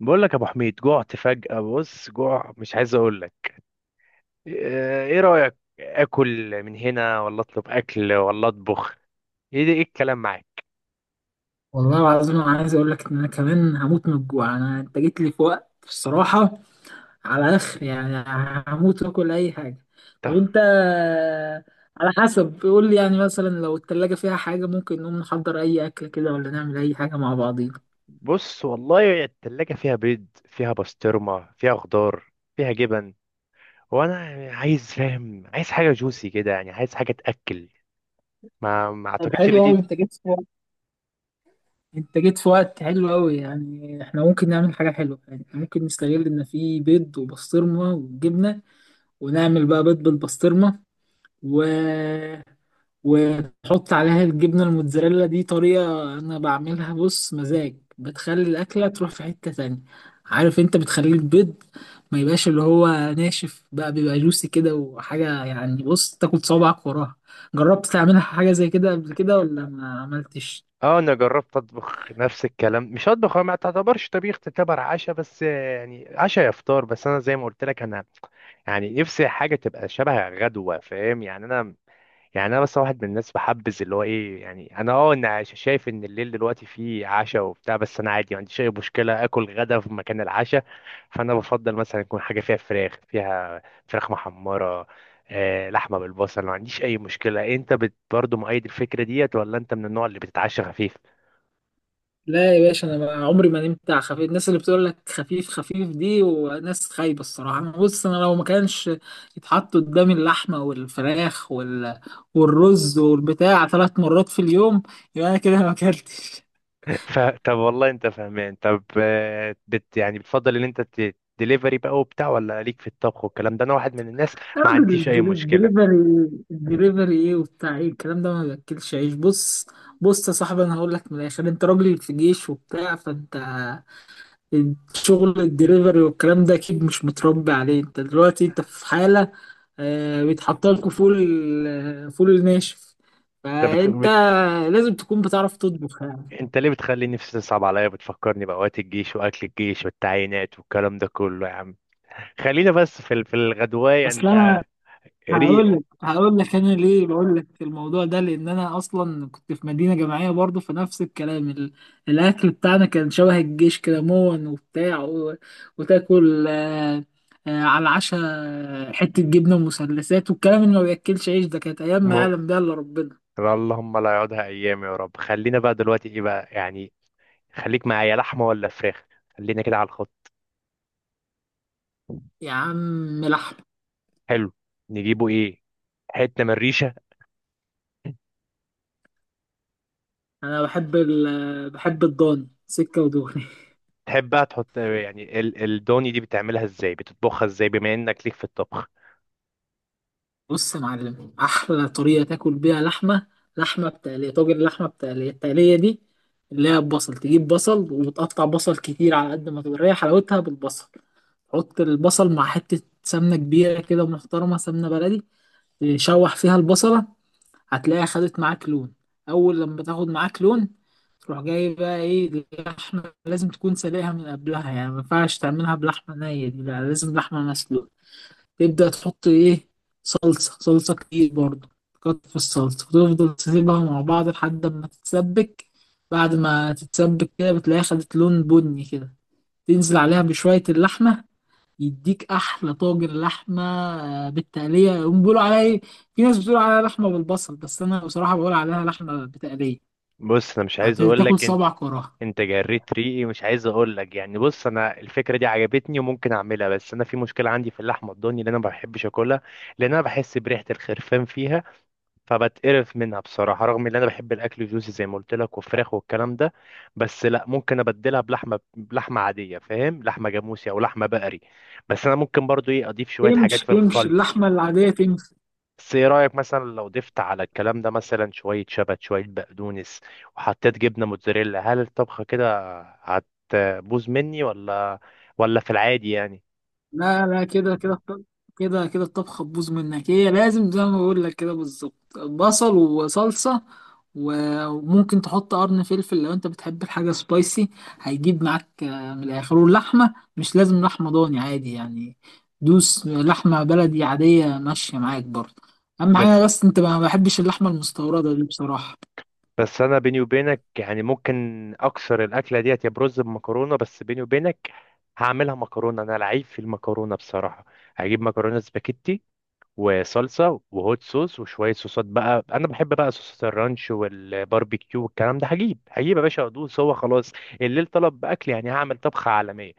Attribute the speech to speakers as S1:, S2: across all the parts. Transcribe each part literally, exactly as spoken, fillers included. S1: بقول لك يا ابو حميد، جوعت فجأة. بص، جوع مش عايز اقول لك. آه، ايه رأيك؟ اكل من هنا، ولا اطلب اكل، ولا اطبخ؟ ايه ده؟ ايه الكلام معاك؟
S2: والله العظيم انا عايز اقول لك ان انا كمان هموت من الجوع. انا انت جيت لي في وقت الصراحه على اخر يعني. هموت واكل اي حاجه. طب
S1: طب
S2: انت، على حسب قول لي يعني، مثلا لو التلاجة فيها حاجه ممكن نقوم نحضر اي اكل كده، ولا نعمل اي حاجه مع بعضينا.
S1: بص، والله التلاجة فيها بيض، فيها بسطرمة، فيها خضار، فيها جبن. وانا عايز، فاهم، عايز حاجة جوسي كده، يعني عايز حاجة تأكل. ما ما
S2: طب
S1: اعتقدش ان
S2: حلو قوي،
S1: دي.
S2: انت جيت في وقت انت جيت في وقت حلو قوي، يعني احنا ممكن نعمل حاجه حلوه، يعني احنا ممكن نستغل ان في بيض وبسطرمه وجبنه، ونعمل بقى بيض بالبسطرمه و... وتحط عليها الجبنة الموتزاريلا. دي طريقة أنا بعملها، بص مزاج، بتخلي الأكلة تروح في حتة تانية. عارف أنت، بتخلي البيض ما يبقاش اللي هو ناشف، بقى بيبقى جوسي كده، وحاجة يعني بص تاكل صوابعك وراها. جربت تعملها حاجة زي كده قبل كده، ولا ما عملتش؟
S1: اه انا جربت اطبخ نفس الكلام، مش اطبخ، هو ما تعتبرش طبيخ، تعتبر عشاء، بس يعني عشاء يا فطار. بس انا زي ما قلت لك، انا يعني نفسي حاجة تبقى شبه غدوة، فاهم يعني أنا، يعني أنا بس واحد من الناس بحبذ اللي هو إيه، يعني أنا أه أنا ش- شايف إن الليل دلوقتي فيه عشاء وبتاع، بس أنا عادي ما عنديش أي مشكلة آكل غدا في مكان العشاء. فأنا بفضل مثلا يكون حاجة فيها فراخ، فيها فراخ محمرة، آه لحمة بالبصل، ما عنديش أي مشكلة. أنت بت برضه مؤيد الفكرة ديت، ولا أنت من النوع اللي بتتعشى خفيف؟
S2: لا يا باشا، انا ما- عمري ما نمت على خفيف. الناس اللي بتقول لك خفيف خفيف دي وناس خايبه الصراحه. أنا بص، انا لو ما كانش يتحط قدامي اللحمه والفراخ وال... والرز والبتاع ثلاث مرات في اليوم، يبقى انا كده ما اكلتش
S1: ف... طب والله انت فاهمان. طب، آه، بت يعني بتفضل ان انت دليفري بقى وبتاع، ولا ليك في الطبخ والكلام ده؟ انا واحد من الناس
S2: يا
S1: ما
S2: راجل،
S1: عنديش اي
S2: الدلي-
S1: مشكله.
S2: الدليفري! الدليفري ايه، وبتاع ايه الكلام ده؟ ما باكلش عيش. بص، بص يا صاحبي، انا هقول لك من الاخر، انت راجل في جيش وبتاع، فانت شغل الدليفري والكلام ده اكيد مش متربي عليه. انت دلوقتي انت في حالة آه، بيتحط لكم فول ال- فول الناشف،
S1: انت بت...
S2: فانت
S1: بت...
S2: لازم تكون بتعرف تطبخ يعني.
S1: انت ليه بتخلي نفسي تصعب عليا؟ بتفكرني باوقات الجيش واكل الجيش والتعيينات والكلام ده كله. يا عم خلينا بس في ال... في الغدوايه.
S2: اصلا
S1: انت
S2: هقول
S1: ريق.
S2: لك هقول لك انا ليه بقول لك الموضوع ده، لان انا اصلا كنت في مدينه جامعيه برضو، فنفس الكلام ال... الاكل بتاعنا كان شبه الجيش كده، مون وبتاع و... وتاكل آه... آه... على العشاء حته جبنه ومثلثات، والكلام اللي ما بياكلش عيش ده، كانت ايام ما
S1: م...
S2: يعلم بيها الا ربنا.
S1: اللهم لا يعودها ايام يا رب. خلينا بقى دلوقتي ايه بقى يعني، خليك معايا لحمه ولا فراخ، خلينا كده على الخط.
S2: يا عم لحم!
S1: حلو. نجيبه ايه؟ حته من الريشه؟
S2: انا بحب ال... بحب الضاني سكه ودغري.
S1: تحب بقى تحط يعني ال- الدوني دي؟ بتعملها ازاي، بتطبخها ازاي، بما انك ليك في الطبخ؟
S2: بص يا معلم، احلى طريقه تاكل بيها لحمه، لحمه بتقليه، طاجن لحمه بتقليه. التقليه دي اللي هي ببصل، تجيب بصل وتقطع بصل كتير على قد ما تقدر، هي حلاوتها بالبصل. حط البصل مع حته سمنه كبيره كده محترمه، سمنه بلدي، تشوح فيها البصله، هتلاقيها خدت معاك لون. اول لما تاخد معاك لون، تروح جاي بقى ايه، اللحمه لازم تكون سلقها من قبلها يعني، ما ينفعش تعملها بلحمه نيه دي، لا لازم لحمه مسلوقه. تبدأ تحط إيه؟ صلصة، صلصة كتير برضه، تكتر في الصلصة، وتفضل تسيبها مع بعض لحد ما تتسبك. بعد ما تتسبك كده بتلاقيها خدت لون بني كده، تنزل عليها بشوية اللحمة، يديك أحلى طاجن لحمة آه، بالتقلية. هم بيقولوا عليها إيه، في ناس بتقول عليها لحمة بالبصل، بس أنا بصراحة بقول عليها لحمة بتقلية.
S1: بص انا مش عايز اقول
S2: هتاكل
S1: لك انت،
S2: صبعك وراها.
S1: انت جريت ريقي. مش عايز اقول لك، يعني بص، انا الفكره دي عجبتني وممكن اعملها، بس انا في مشكله عندي في اللحمه الضاني اللي انا ما بحبش اكلها، لان انا بحس بريحه الخرفان فيها، فبتقرف منها بصراحه. رغم ان انا بحب الاكل جوسي زي ما قلت لك، وفراخ والكلام ده. بس لا، ممكن ابدلها بلحمه، بلحمه عاديه، فاهم؟ لحمه جاموسي او لحمه بقري. بس انا ممكن برضو ايه اضيف شويه حاجات
S2: تمشي
S1: في
S2: تمشي،
S1: الخلط.
S2: اللحمة العادية تمشي.
S1: بس ايه رأيك مثلا لو ضفت على الكلام ده مثلا شوية شبت، شوية بقدونس، وحطيت جبنة موتزاريلا؟ هل الطبخة كده هتبوظ مني ولا، ولا في العادي يعني؟
S2: لا لا، كده كده الط- كده كده الطبخة تبوظ منك. هي لازم زي ما بقول لك كده بالظبط، بصل وصلصة، و- وممكن تحط قرن فلفل لو انت بتحب الحاجة سبايسي، هيجيب معاك آه، من الآخر. واللحمة مش لازم لحمة ضاني، عادي يعني، دوس لحمة بلدي عادية ماشية معاك برضه. أهم
S1: بس
S2: حاجة بس انت ما بحبش اللحمة المستوردة دي بصراحة.
S1: بس انا بيني وبينك يعني ممكن اكسر الاكلة ديت يا برز بمكرونة. بس بيني وبينك هعملها مكرونة، انا لعيب في المكرونة بصراحة. هجيب مكرونة سباكيتي وصلصه وهوت صوص وشويه صوصات بقى. انا بحب بقى صوصات الرانش والباربيكيو والكلام ده. هجيب هجيب يا باشا ادوس، هو خلاص الليل طلب باكل يعني، هعمل طبخه عالميه.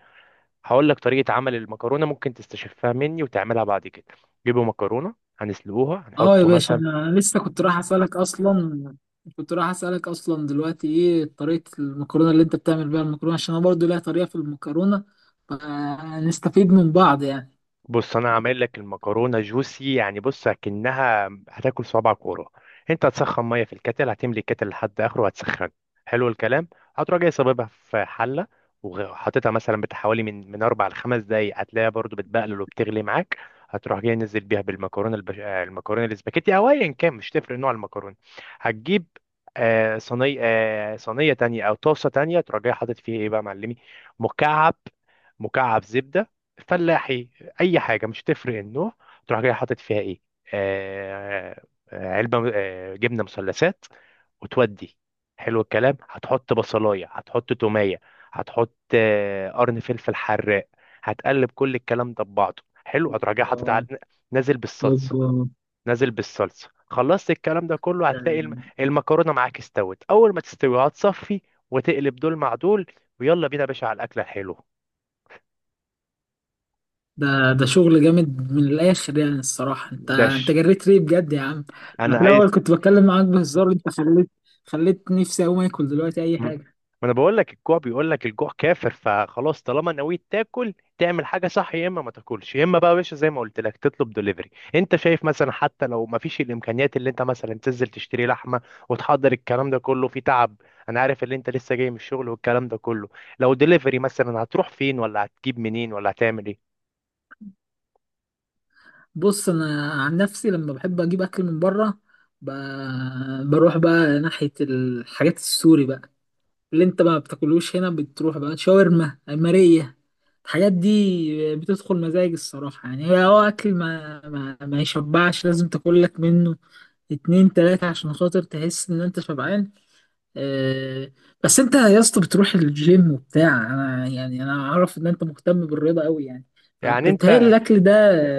S1: هقول لك طريقه عمل المكرونه، ممكن تستشفها مني وتعملها بعد كده. جيبوا مكرونه، هنسلقوها،
S2: اه يا
S1: هنحط
S2: باشا،
S1: مثلا.
S2: انا لسه كنت رايح اسالك اصلا، كنت رايح اسالك اصلا دلوقتي ايه طريقه المكرونه اللي انت بتعمل بيها المكرونه، عشان انا برضو ليا طريقه في المكرونه، فنستفيد من بعض يعني.
S1: بص انا عامل لك المكرونه جوسي يعني، بص اكنها هتاكل صوابعك ورا. انت هتسخن ميه في الكتل، هتملي الكتل لحد اخره وهتسخن. حلو الكلام. هتروح جاي صاببها في حله، وحاططها مثلا بتاع حوالي من من اربع لخمس دقايق، هتلاقيها برضو بتبقلل وبتغلي معاك. هتروح جاي نزل بيها بالمكرونه البش... آه، المكرونه الاسباجيتي او ايا كان، مش تفرق نوع المكرونه. هتجيب آه، صينيه، آه، صينيه تانية او طاسه تانية، تروح جاي حاطط فيها ايه بقى يا معلمي؟ مكعب، مكعب زبده فلاحي، اي حاجه مش هتفرق النوع. تروح جاي حاطط فيها ايه؟ آه آه، علبه آه جبنه مثلثات وتودي. حلو الكلام. هتحط بصلايه، هتحط توميه، هتحط آه قرن فلفل حراق. هتقلب كل الكلام ده ببعضه. حلو. هتروح جاي
S2: اوبا!
S1: حاطط على- نازل بالصلصه،
S2: اوبا!
S1: نازل بالصلصه. خلصت الكلام ده كله،
S2: ده،
S1: هتلاقي الم- المكرونه معاك استوت. اول ما تستوي هتصفي وتقلب دول مع دول، ويلا بينا يا باشا على الاكله الحلوه.
S2: ده ده شغل جامد من الاخر يعني الصراحه. انت انت
S1: دش.
S2: جريت ليه بجد يا عم. انا
S1: انا
S2: في
S1: عايز.
S2: الاول كنت بتكلم معاك بهزار، انت خليت خليت نفسي اقوم اكل دلوقتي اي
S1: ما
S2: حاجه.
S1: انا بقول لك، الجوع بيقول لك، الجوع كافر. فخلاص طالما نويت تاكل، تعمل حاجه صح، يا اما ما تاكلش، يا اما بقى يا باشا زي ما قلت لك تطلب دليفري. انت شايف مثلا، حتى لو ما فيش الامكانيات اللي انت مثلا تنزل تشتري لحمه وتحضر الكلام ده كله في تعب، انا عارف ان انت لسه جاي من الشغل والكلام ده كله، لو دليفري مثلا هتروح فين، ولا هتجيب منين، ولا هتعمل ايه؟
S2: بص، انا عن نفسي لما بحب اجيب اكل من بره، ب... بروح بقى ناحيه الحاجات السوري بقى، اللي انت ما بتاكلوش هنا، بتروح بقى شاورما ماريه. الحاجات دي بتدخل مزاج الصراحه يعني، هي هو اكل ما... ما ما يشبعش، لازم تاكل لك منه اتنين تلاته عشان خاطر تحس ان انت شبعان. آه، بس انت يا اسطى بتروح الجيم وبتاع، انا يعني انا اعرف ان انت مهتم بالرياضه قوي يعني،
S1: يعني
S2: فانت تهيألي
S1: انت،
S2: الاكل ده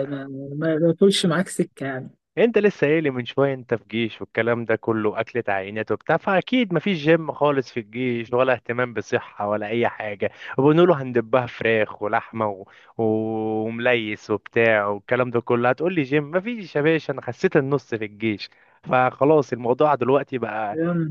S2: ما ما ما ياكلش معاك سكه يعني.
S1: انت لسه قايل لي من شويه انت في جيش والكلام ده كله، اكلة عينات وبتاع، فاكيد مفيش جيم خالص في الجيش ولا اهتمام بصحه ولا اي حاجه. وبنقوله هندبها فراخ ولحمه و... ومليس وبتاع والكلام ده كله، هتقول لي جيم مفيش. يا باشا انا خسيت النص في الجيش، فخلاص الموضوع دلوقتي بقى.
S2: يا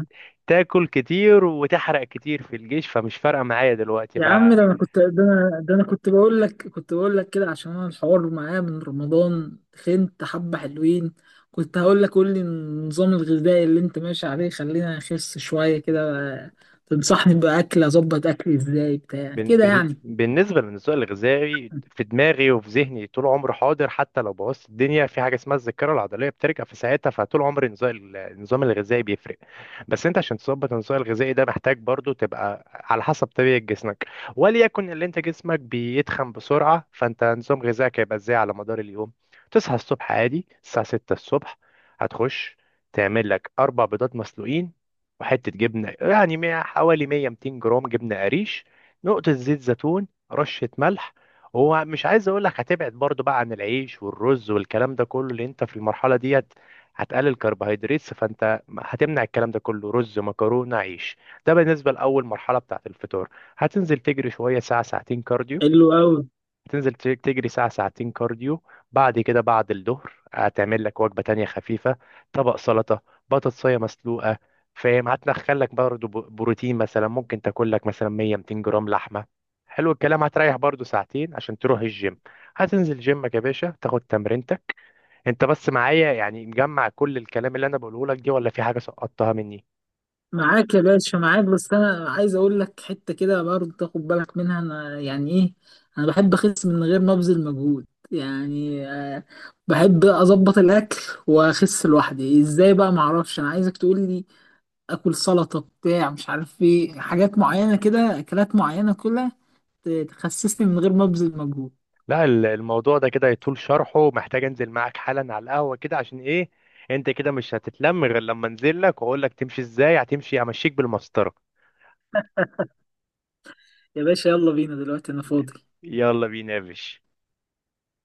S1: تاكل كتير وتحرق كتير في الجيش، فمش فارقه معايا دلوقتي.
S2: يا عم، ده انا كنت ده انا ده انا كنت بقول لك، كنت بقول لك كده، عشان انا الحوار معايا من رمضان خنت حبه حلوين. كنت هقول لك قول لي النظام الغذائي اللي انت ماشي عليه، خلينا نخس شويه كده. تنصحني باكل، اظبط اكلي ازاي بتاع
S1: بن-
S2: كده
S1: بن-
S2: يعني.
S1: بالنسبة للنسوء الغذائي في دماغي وفي ذهني طول عمري حاضر، حتى لو بوظت الدنيا في حاجة اسمها الذاكرة العضلية بترجع في ساعتها. فطول عمري النظام، النظام الغذائي بيفرق. بس انت عشان تظبط النظام الغذائي ده، محتاج برضو تبقى على حسب طبيعة جسمك. وليكن اللي انت جسمك بيتخن بسرعة، فانت نظام غذائك هيبقى ازاي على مدار اليوم؟ تصحى الصبح عادي الساعة ستة الصبح، هتخش تعمل لك أربع بيضات مسلوقين، وحتة جبنة يعني مية- حوالي مية ميتين جرام جبنة قريش، نقطة زيت زيتون، رشة ملح. هو مش عايز اقول لك، هتبعد برضو بقى عن العيش والرز والكلام ده كله. اللي انت في المرحلة ديت هتقلل كربوهيدرات، فانت هتمنع الكلام ده كله، رز مكرونة عيش. ده بالنسبة لأول مرحلة بتاعت الفطار. هتنزل تجري شوية، ساعة ساعتين كارديو،
S2: حلو قوي.
S1: تنزل ت- تجري ساعة ساعتين كارديو. بعد كده بعد الظهر هتعمل لك وجبة تانية خفيفة، طبق سلطة، بطاطساية مسلوقة، فاهم. هتدخل لك برضه ب- بروتين مثلا، ممكن تاكل لك مثلا مية ميتين جرام لحمة. حلو الكلام. هتريح برضه ساعتين عشان تروح الجيم، هتنزل جيمك يا باشا تاخد تمرينتك. انت بس معايا يعني؟ مجمع كل الكلام اللي انا بقوله لك دي، ولا في حاجة سقطتها مني؟
S2: معاك يا باشا معاك. بس انا عايز اقول لك حته كده برضه تاخد بالك منها. انا يعني ايه، انا بحب اخس من غير ما ابذل مجهود. يعني آه، بحب اظبط الاكل واخس لوحدي ازاي، بقى معرفش، انا عايزك تقول لي اكل سلطه بتاع، مش عارف ايه، حاجات معينه كده، اكلات معينه كلها ت- تخسسني من غير ما ابذل مجهود.
S1: لا، ال- الموضوع ده كده يطول شرحه، محتاج انزل معاك حالا على القهوة كده. عشان ايه؟ انت كده مش هتتلم غير لما انزل لك واقول لك تمشي ازاي، هتمشي همشيك بالمسطرة.
S2: يا باشا، يلا بينا دلوقتي انا فاضي.
S1: يلا بينا يا باشا.